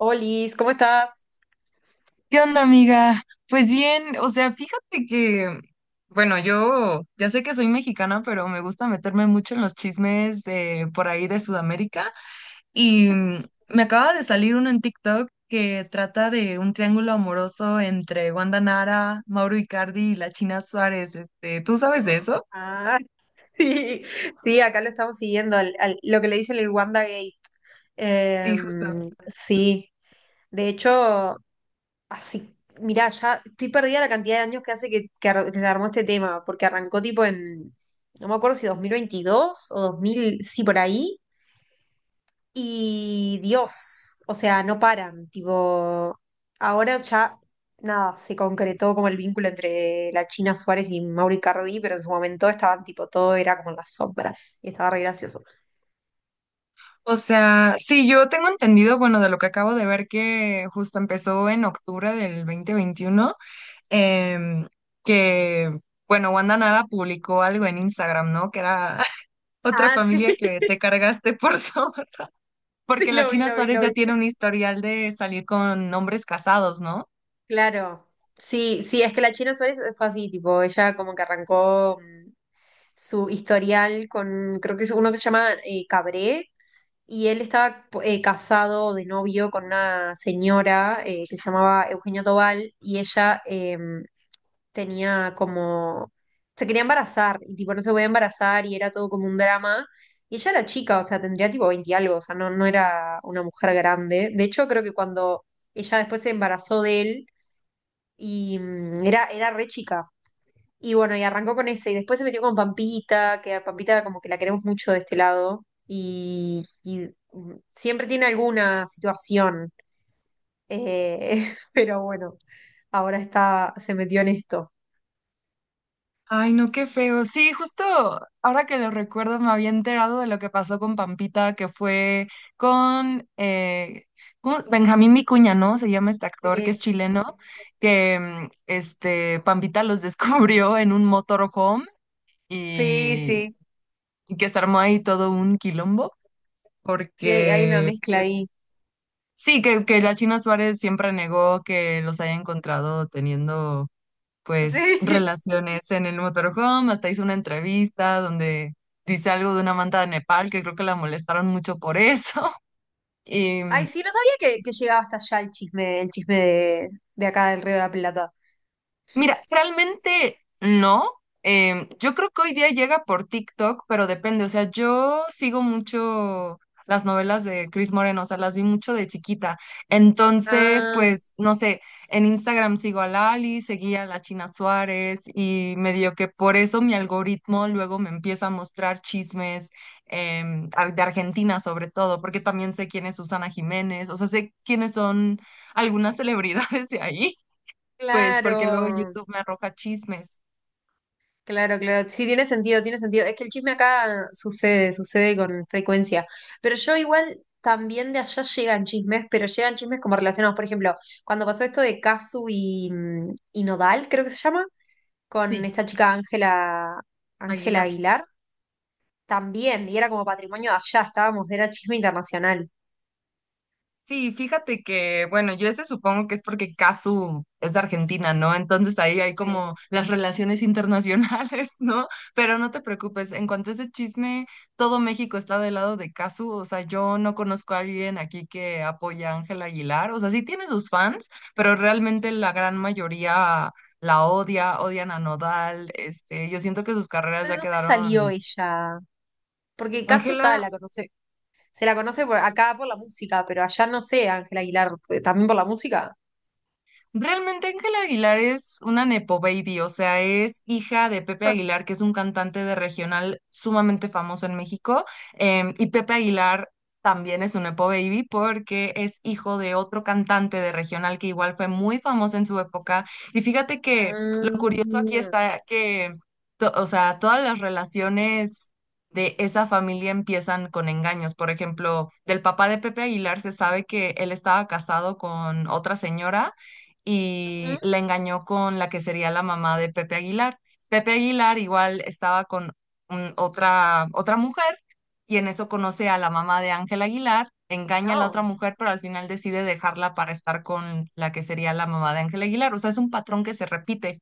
Olis, ¿cómo estás? ¿Qué onda, amiga? Pues bien, o sea, fíjate que, bueno, yo ya sé que soy mexicana, pero me gusta meterme mucho en los chismes de por ahí de Sudamérica y me acaba de salir uno en TikTok que trata de un triángulo amoroso entre Wanda Nara, Mauro Icardi y la China Suárez. ¿Tú sabes de eso? Ah, Sí, sí, acá lo estamos siguiendo, lo que le dicen el Wanda Gate. Sí, justo. Sí, de hecho, así, mirá, ya estoy perdida la cantidad de años que hace que se armó este tema, porque arrancó tipo en, no me acuerdo si 2022 o 2000, sí, por ahí. Y Dios, o sea, no paran, tipo, ahora ya nada, se concretó como el vínculo entre la China Suárez y Mauro Icardi, pero en su momento estaban tipo, todo era como en las sombras y estaba re gracioso. O sea, sí, yo tengo entendido, bueno, de lo que acabo de ver que justo empezó en octubre del 2021. em, que, bueno, Wanda Nara publicó algo en Instagram, ¿no? Que era otra Ah, sí, familia que te cargaste por zorra. sí, Porque la lo vi, China lo vi, Suárez lo vi. ya tiene un historial de salir con hombres casados, ¿no? Claro. Sí, sí, es que la China Suárez fue así, tipo, ella como que arrancó su historial con, creo que es uno que se llama Cabré. Y él estaba casado de novio con una señora que se llamaba Eugenia Tobal, y ella tenía como, se quería embarazar y tipo no se podía embarazar y era todo como un drama. Y ella era chica, o sea, tendría tipo 20 y algo, o sea, no era una mujer grande. De hecho, creo que cuando ella después se embarazó de él y era re chica. Y bueno, y arrancó con ese, y después se metió con Pampita, que a Pampita como que la queremos mucho de este lado, y, siempre tiene alguna situación, pero bueno, ahora está, se metió en esto. Ay, no, qué feo. Sí, justo ahora que lo recuerdo me había enterado de lo que pasó con Pampita, que fue con ¿cómo? Benjamín Vicuña, ¿no? Se llama este Sí, actor que es chileno, que Pampita los descubrió en un motorhome sí, y sí, que se armó ahí todo un quilombo, sí, hay, hay una porque, mezcla pues, ahí. sí, que la China Suárez siempre negó que los haya encontrado teniendo, pues, Sí. relaciones en el motorhome, hasta hizo una entrevista donde dice algo de una manta de Nepal, que creo que la molestaron mucho por eso. Y Ay, sí, no sabía que llegaba hasta allá el chisme de acá del Río de la Plata. mira, realmente no. Yo creo que hoy día llega por TikTok, pero depende. O sea, yo sigo mucho las novelas de Chris Moreno, o sea, las vi mucho de chiquita. Entonces, Ah, pues, no sé, en Instagram sigo a Lali, seguía a la China Suárez y medio que por eso mi algoritmo luego me empieza a mostrar chismes de Argentina sobre todo, porque también sé quién es Susana Jiménez, o sea, sé quiénes son algunas celebridades de ahí pues porque luego claro, YouTube me arroja chismes. claro, claro. Sí, tiene sentido, tiene sentido. Es que el chisme acá sucede, sucede con frecuencia. Pero yo igual también de allá llegan chismes, pero llegan chismes como relacionados. Por ejemplo, cuando pasó esto de Casu y Nodal, creo que se llama, con Sí, esta chica Ángela, Ángela Aguilar. Aguilar. También, y era como patrimonio de allá, estábamos, era chisme internacional. Sí, fíjate que, bueno, yo ese supongo que es porque Casu es de Argentina, ¿no? Entonces ahí hay Sí. como las relaciones internacionales, ¿no? Pero no te preocupes, en cuanto a ese chisme, todo México está del lado de Casu, o sea, yo no conozco a alguien aquí que apoya a Ángela Aguilar, o sea, sí tiene sus fans, pero realmente la gran mayoría la odia, odian a Nodal, este, yo siento que sus carreras ¿Pero de ya dónde salió quedaron. ella? Porque Ángela Kazuta la conoce, se la conoce por acá por la música, pero allá no sé, Ángela Aguilar, pues, también por la música. Realmente Ángela Aguilar es una nepo baby, o sea, es hija de Pepe Ah. Aguilar, que es un cantante de regional sumamente famoso en México, y Pepe Aguilar también es un nepo baby porque es hijo de otro cantante de regional que igual fue muy famoso en su época. Y fíjate Ah, que lo curioso aquí está que, o sea, todas las relaciones de esa familia empiezan con engaños. Por ejemplo, del papá de Pepe Aguilar se sabe que él estaba casado con otra señora y ujú, la engañó con la que sería la mamá de Pepe Aguilar. Pepe Aguilar igual estaba con otra mujer y en eso conoce a la mamá de Ángel Aguilar, engaña a la otra no. mujer, pero al final decide dejarla para estar con la que sería la mamá de Ángel Aguilar. O sea, es un patrón que se repite.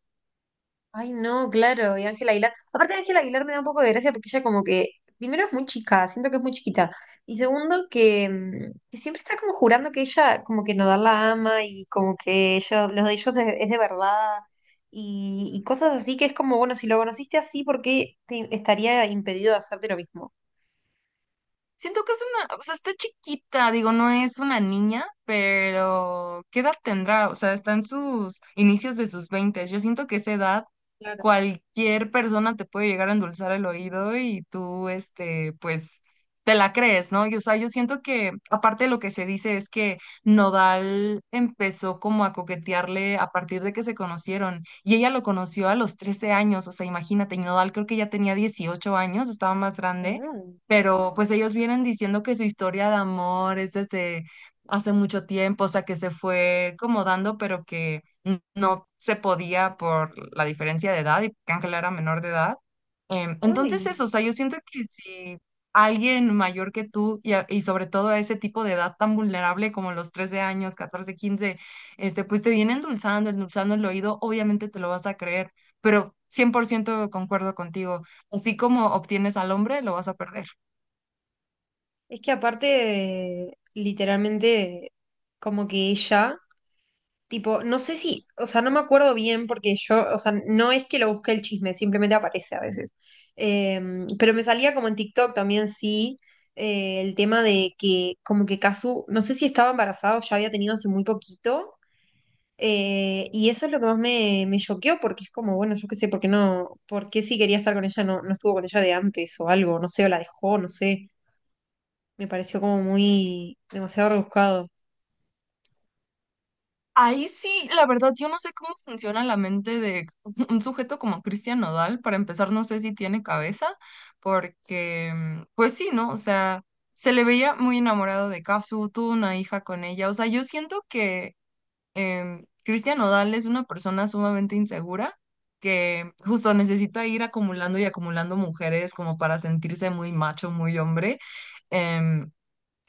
Ay, no, claro, y Ángela Aguilar. Aparte, Ángela Aguilar me da un poco de gracia porque ella como que, primero es muy chica, siento que es muy chiquita. Y segundo, que, que siempre está como jurando que ella como que Nodal la ama y como que ellos, los de ellos de- es de verdad y cosas así que es como, bueno, si lo conociste así, ¿por qué te estaría impedido de hacerte lo mismo? Siento que es una, o sea, está chiquita, digo, no es una niña, pero ¿qué edad tendrá? O sea, está en sus inicios de sus veintes. Yo siento que esa edad Claro. cualquier persona te puede llegar a endulzar el oído y tú, este, pues, te la crees, ¿no? Y, o sea, yo siento que, aparte de lo que se dice es que Nodal empezó como a coquetearle a partir de que se conocieron y ella lo conoció a los 13 años, o sea, imagínate, Nodal creo que ya tenía 18 años, estaba más grande No, pero pues ellos vienen diciendo que su historia de amor es desde hace mucho tiempo, o sea, que se fue como dando, pero que no se podía por la diferencia de edad y que Ángela era menor de edad. Entonces eso, o ay. sea, yo siento que si alguien mayor que tú y, y sobre todo a ese tipo de edad tan vulnerable como los 13 años, 14, 15 este, pues te viene endulzando, endulzando el oído, obviamente te lo vas a creer, pero 100% concuerdo contigo. Así como obtienes al hombre, lo vas a perder. Es que aparte, literalmente, como que ella... Tipo, no sé si, o sea, no me acuerdo bien porque yo, o sea, no es que lo busqué el chisme, simplemente aparece a veces. Eh, pero me salía como en TikTok también, sí, el tema de que como que Kazu, no sé si estaba embarazada o ya había tenido hace muy poquito. Y eso es lo que más me choqueó porque es como, bueno, yo qué sé, ¿por qué no? ¿Por qué si quería estar con ella no estuvo con ella de antes o algo? No sé, o la dejó, no sé. Me pareció como muy demasiado rebuscado. Ahí sí, la verdad, yo no sé cómo funciona la mente de un sujeto como Cristian Nodal. Para empezar, no sé si tiene cabeza, porque, pues sí, ¿no? O sea, se le veía muy enamorado de Kazu, tuvo una hija con ella. O sea, yo siento que Cristian Nodal es una persona sumamente insegura que justo necesita ir acumulando y acumulando mujeres como para sentirse muy macho, muy hombre. em,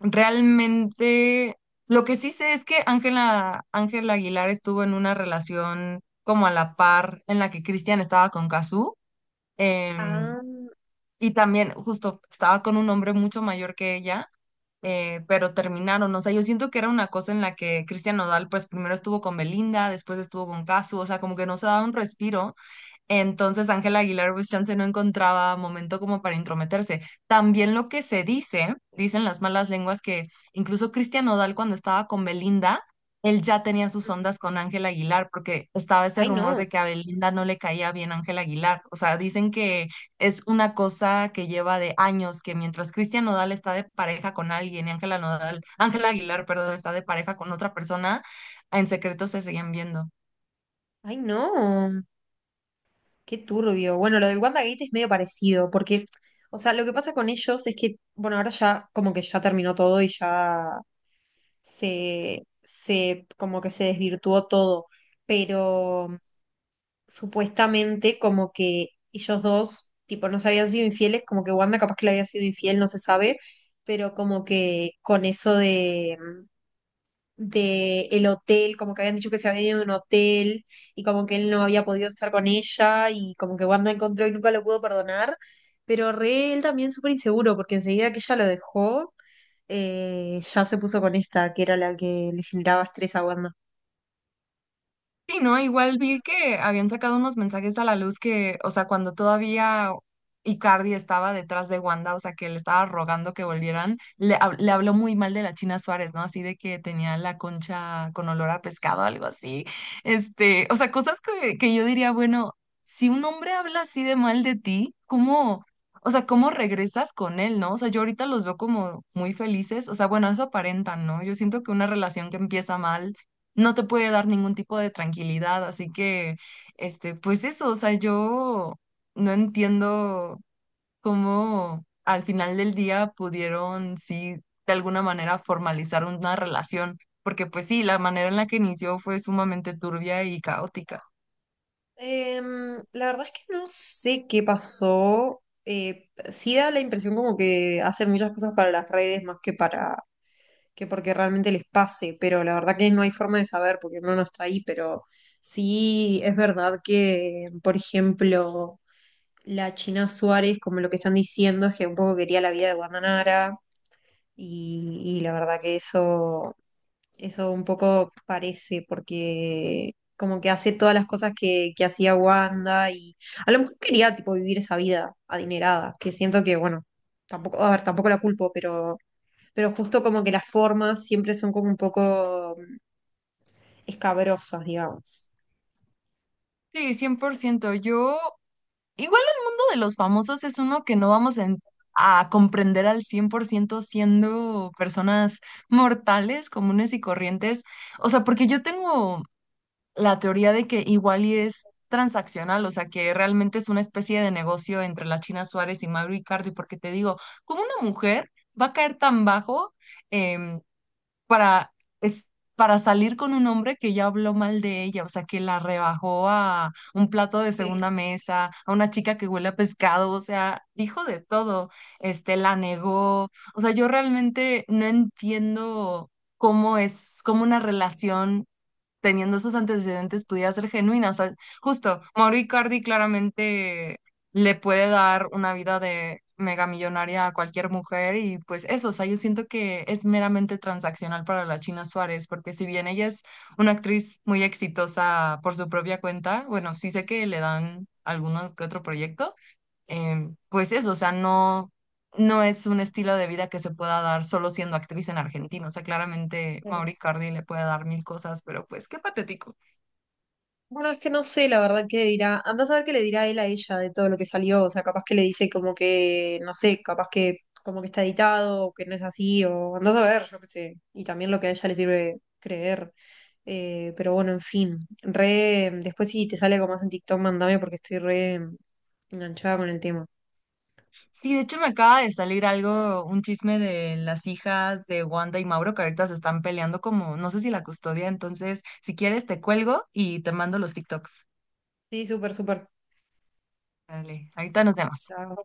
Realmente, lo que sí sé es que Ángela Aguilar estuvo en una relación como a la par en la que Cristian estaba con Cazzu, em, Ah, y también justo estaba con un hombre mucho mayor que ella, pero terminaron. O sea, yo siento que era una cosa en la que Cristian Nodal, pues primero estuvo con Belinda, después estuvo con Cazzu, o sea, como que no se daba un respiro. Entonces Ángela Aguilar pues chance no encontraba momento como para intrometerse. También lo que se dice, dicen las malas lenguas que incluso Cristian Nodal cuando estaba con Belinda, él ya tenía sus ondas con Ángela Aguilar porque estaba ese ay rumor no, de que a Belinda no le caía bien Ángela Aguilar. O sea, dicen que es una cosa que lleva de años, que mientras Cristian Nodal está de pareja con alguien y Ángela Aguilar, perdón, está de pareja con otra persona, en secreto se siguen viendo. ay no. Qué turbio. Bueno, lo del WandaGate es medio parecido, porque, o sea, lo que pasa con ellos es que, bueno, ahora ya como que ya terminó todo y ya como que se desvirtuó todo, pero supuestamente como que ellos dos, tipo, no se habían sido infieles, como que Wanda capaz que le había sido infiel, no se sabe, pero como que con eso de el hotel, como que habían dicho que se había ido de un hotel y como que él no había podido estar con ella y como que Wanda encontró y nunca lo pudo perdonar, pero re él también súper inseguro porque enseguida que ella lo dejó, ya se puso con esta, que era la que le generaba estrés a Wanda. Sí, ¿no? Igual vi que habían sacado unos mensajes a la luz que, o sea, cuando todavía Icardi estaba detrás de Wanda, o sea, que le estaba rogando que volvieran, le habló muy mal de la China Suárez, ¿no? Así de que tenía la concha con olor a pescado, algo así. Este, o sea, cosas que yo diría, bueno, si un hombre habla así de mal de ti, o sea, ¿cómo regresas con él? ¿No? O sea, yo ahorita los veo como muy felices, o sea, bueno, eso aparentan, ¿no? Yo siento que una relación que empieza mal no te puede dar ningún tipo de tranquilidad, así que, este, pues eso, o sea, yo no entiendo cómo al final del día pudieron, sí, de alguna manera formalizar una relación, porque pues sí, la manera en la que inició fue sumamente turbia y caótica. La verdad es que no sé qué pasó. Sí da la impresión como que hacen muchas cosas para las redes más que para que porque realmente les pase, pero la verdad que no hay forma de saber porque no está ahí, pero sí es verdad que, por ejemplo, la China Suárez, como lo que están diciendo, es que un poco quería la vida de Guandanara y la verdad que eso un poco parece, porque como que hace todas las cosas que hacía Wanda y a lo mejor quería tipo vivir esa vida adinerada, que siento que, bueno, tampoco, a ver, tampoco la culpo, pero justo como que las formas siempre son como un poco escabrosas, digamos. Sí, 100% yo, igual el mundo de los famosos es uno que no vamos a comprender al 100% siendo personas mortales, comunes y corrientes. O sea, porque yo tengo la teoría de que igual y es transaccional, o sea, que realmente es una especie de negocio entre la China Suárez y Mauro Icardi, porque te digo, ¿cómo una mujer va a caer tan bajo em, para, es, para salir con un hombre que ya habló mal de ella? O sea, que la rebajó a un plato de Sí, segunda mesa, a una chica que huele a pescado, o sea, dijo de todo, este, la negó, o sea, yo realmente no entiendo cómo es, cómo una relación teniendo esos antecedentes pudiera ser genuina. O sea, justo, Mauro Icardi claramente le puede dar una vida de mega millonaria a cualquier mujer y pues eso, o sea, yo siento que es meramente transaccional para la China Suárez, porque si bien ella es una actriz muy exitosa por su propia cuenta, bueno, sí sé que le dan alguno que otro proyecto pues eso, o sea, no, no es un estilo de vida que se pueda dar solo siendo actriz en Argentina. O sea, claramente claro. Mauri Cardi le puede dar mil cosas, pero pues qué patético. Bueno, es que no sé la verdad qué dirá. Andá a saber qué le dirá él a ella de todo lo que salió. O sea, capaz que le dice como que, no sé, capaz que como que está editado o que no es así, o andás a ver, yo qué sé. Y también lo que a ella le sirve creer. Pero bueno, en fin. Re, después si te sale algo más en TikTok, mandame porque estoy re enganchada con el tema. Sí, de hecho me acaba de salir algo, un chisme de las hijas de Wanda y Mauro que ahorita se están peleando como, no sé si la custodia, entonces si quieres te cuelgo y te mando los TikToks. Sí, súper, súper. Dale, ahorita nos vemos. Chao.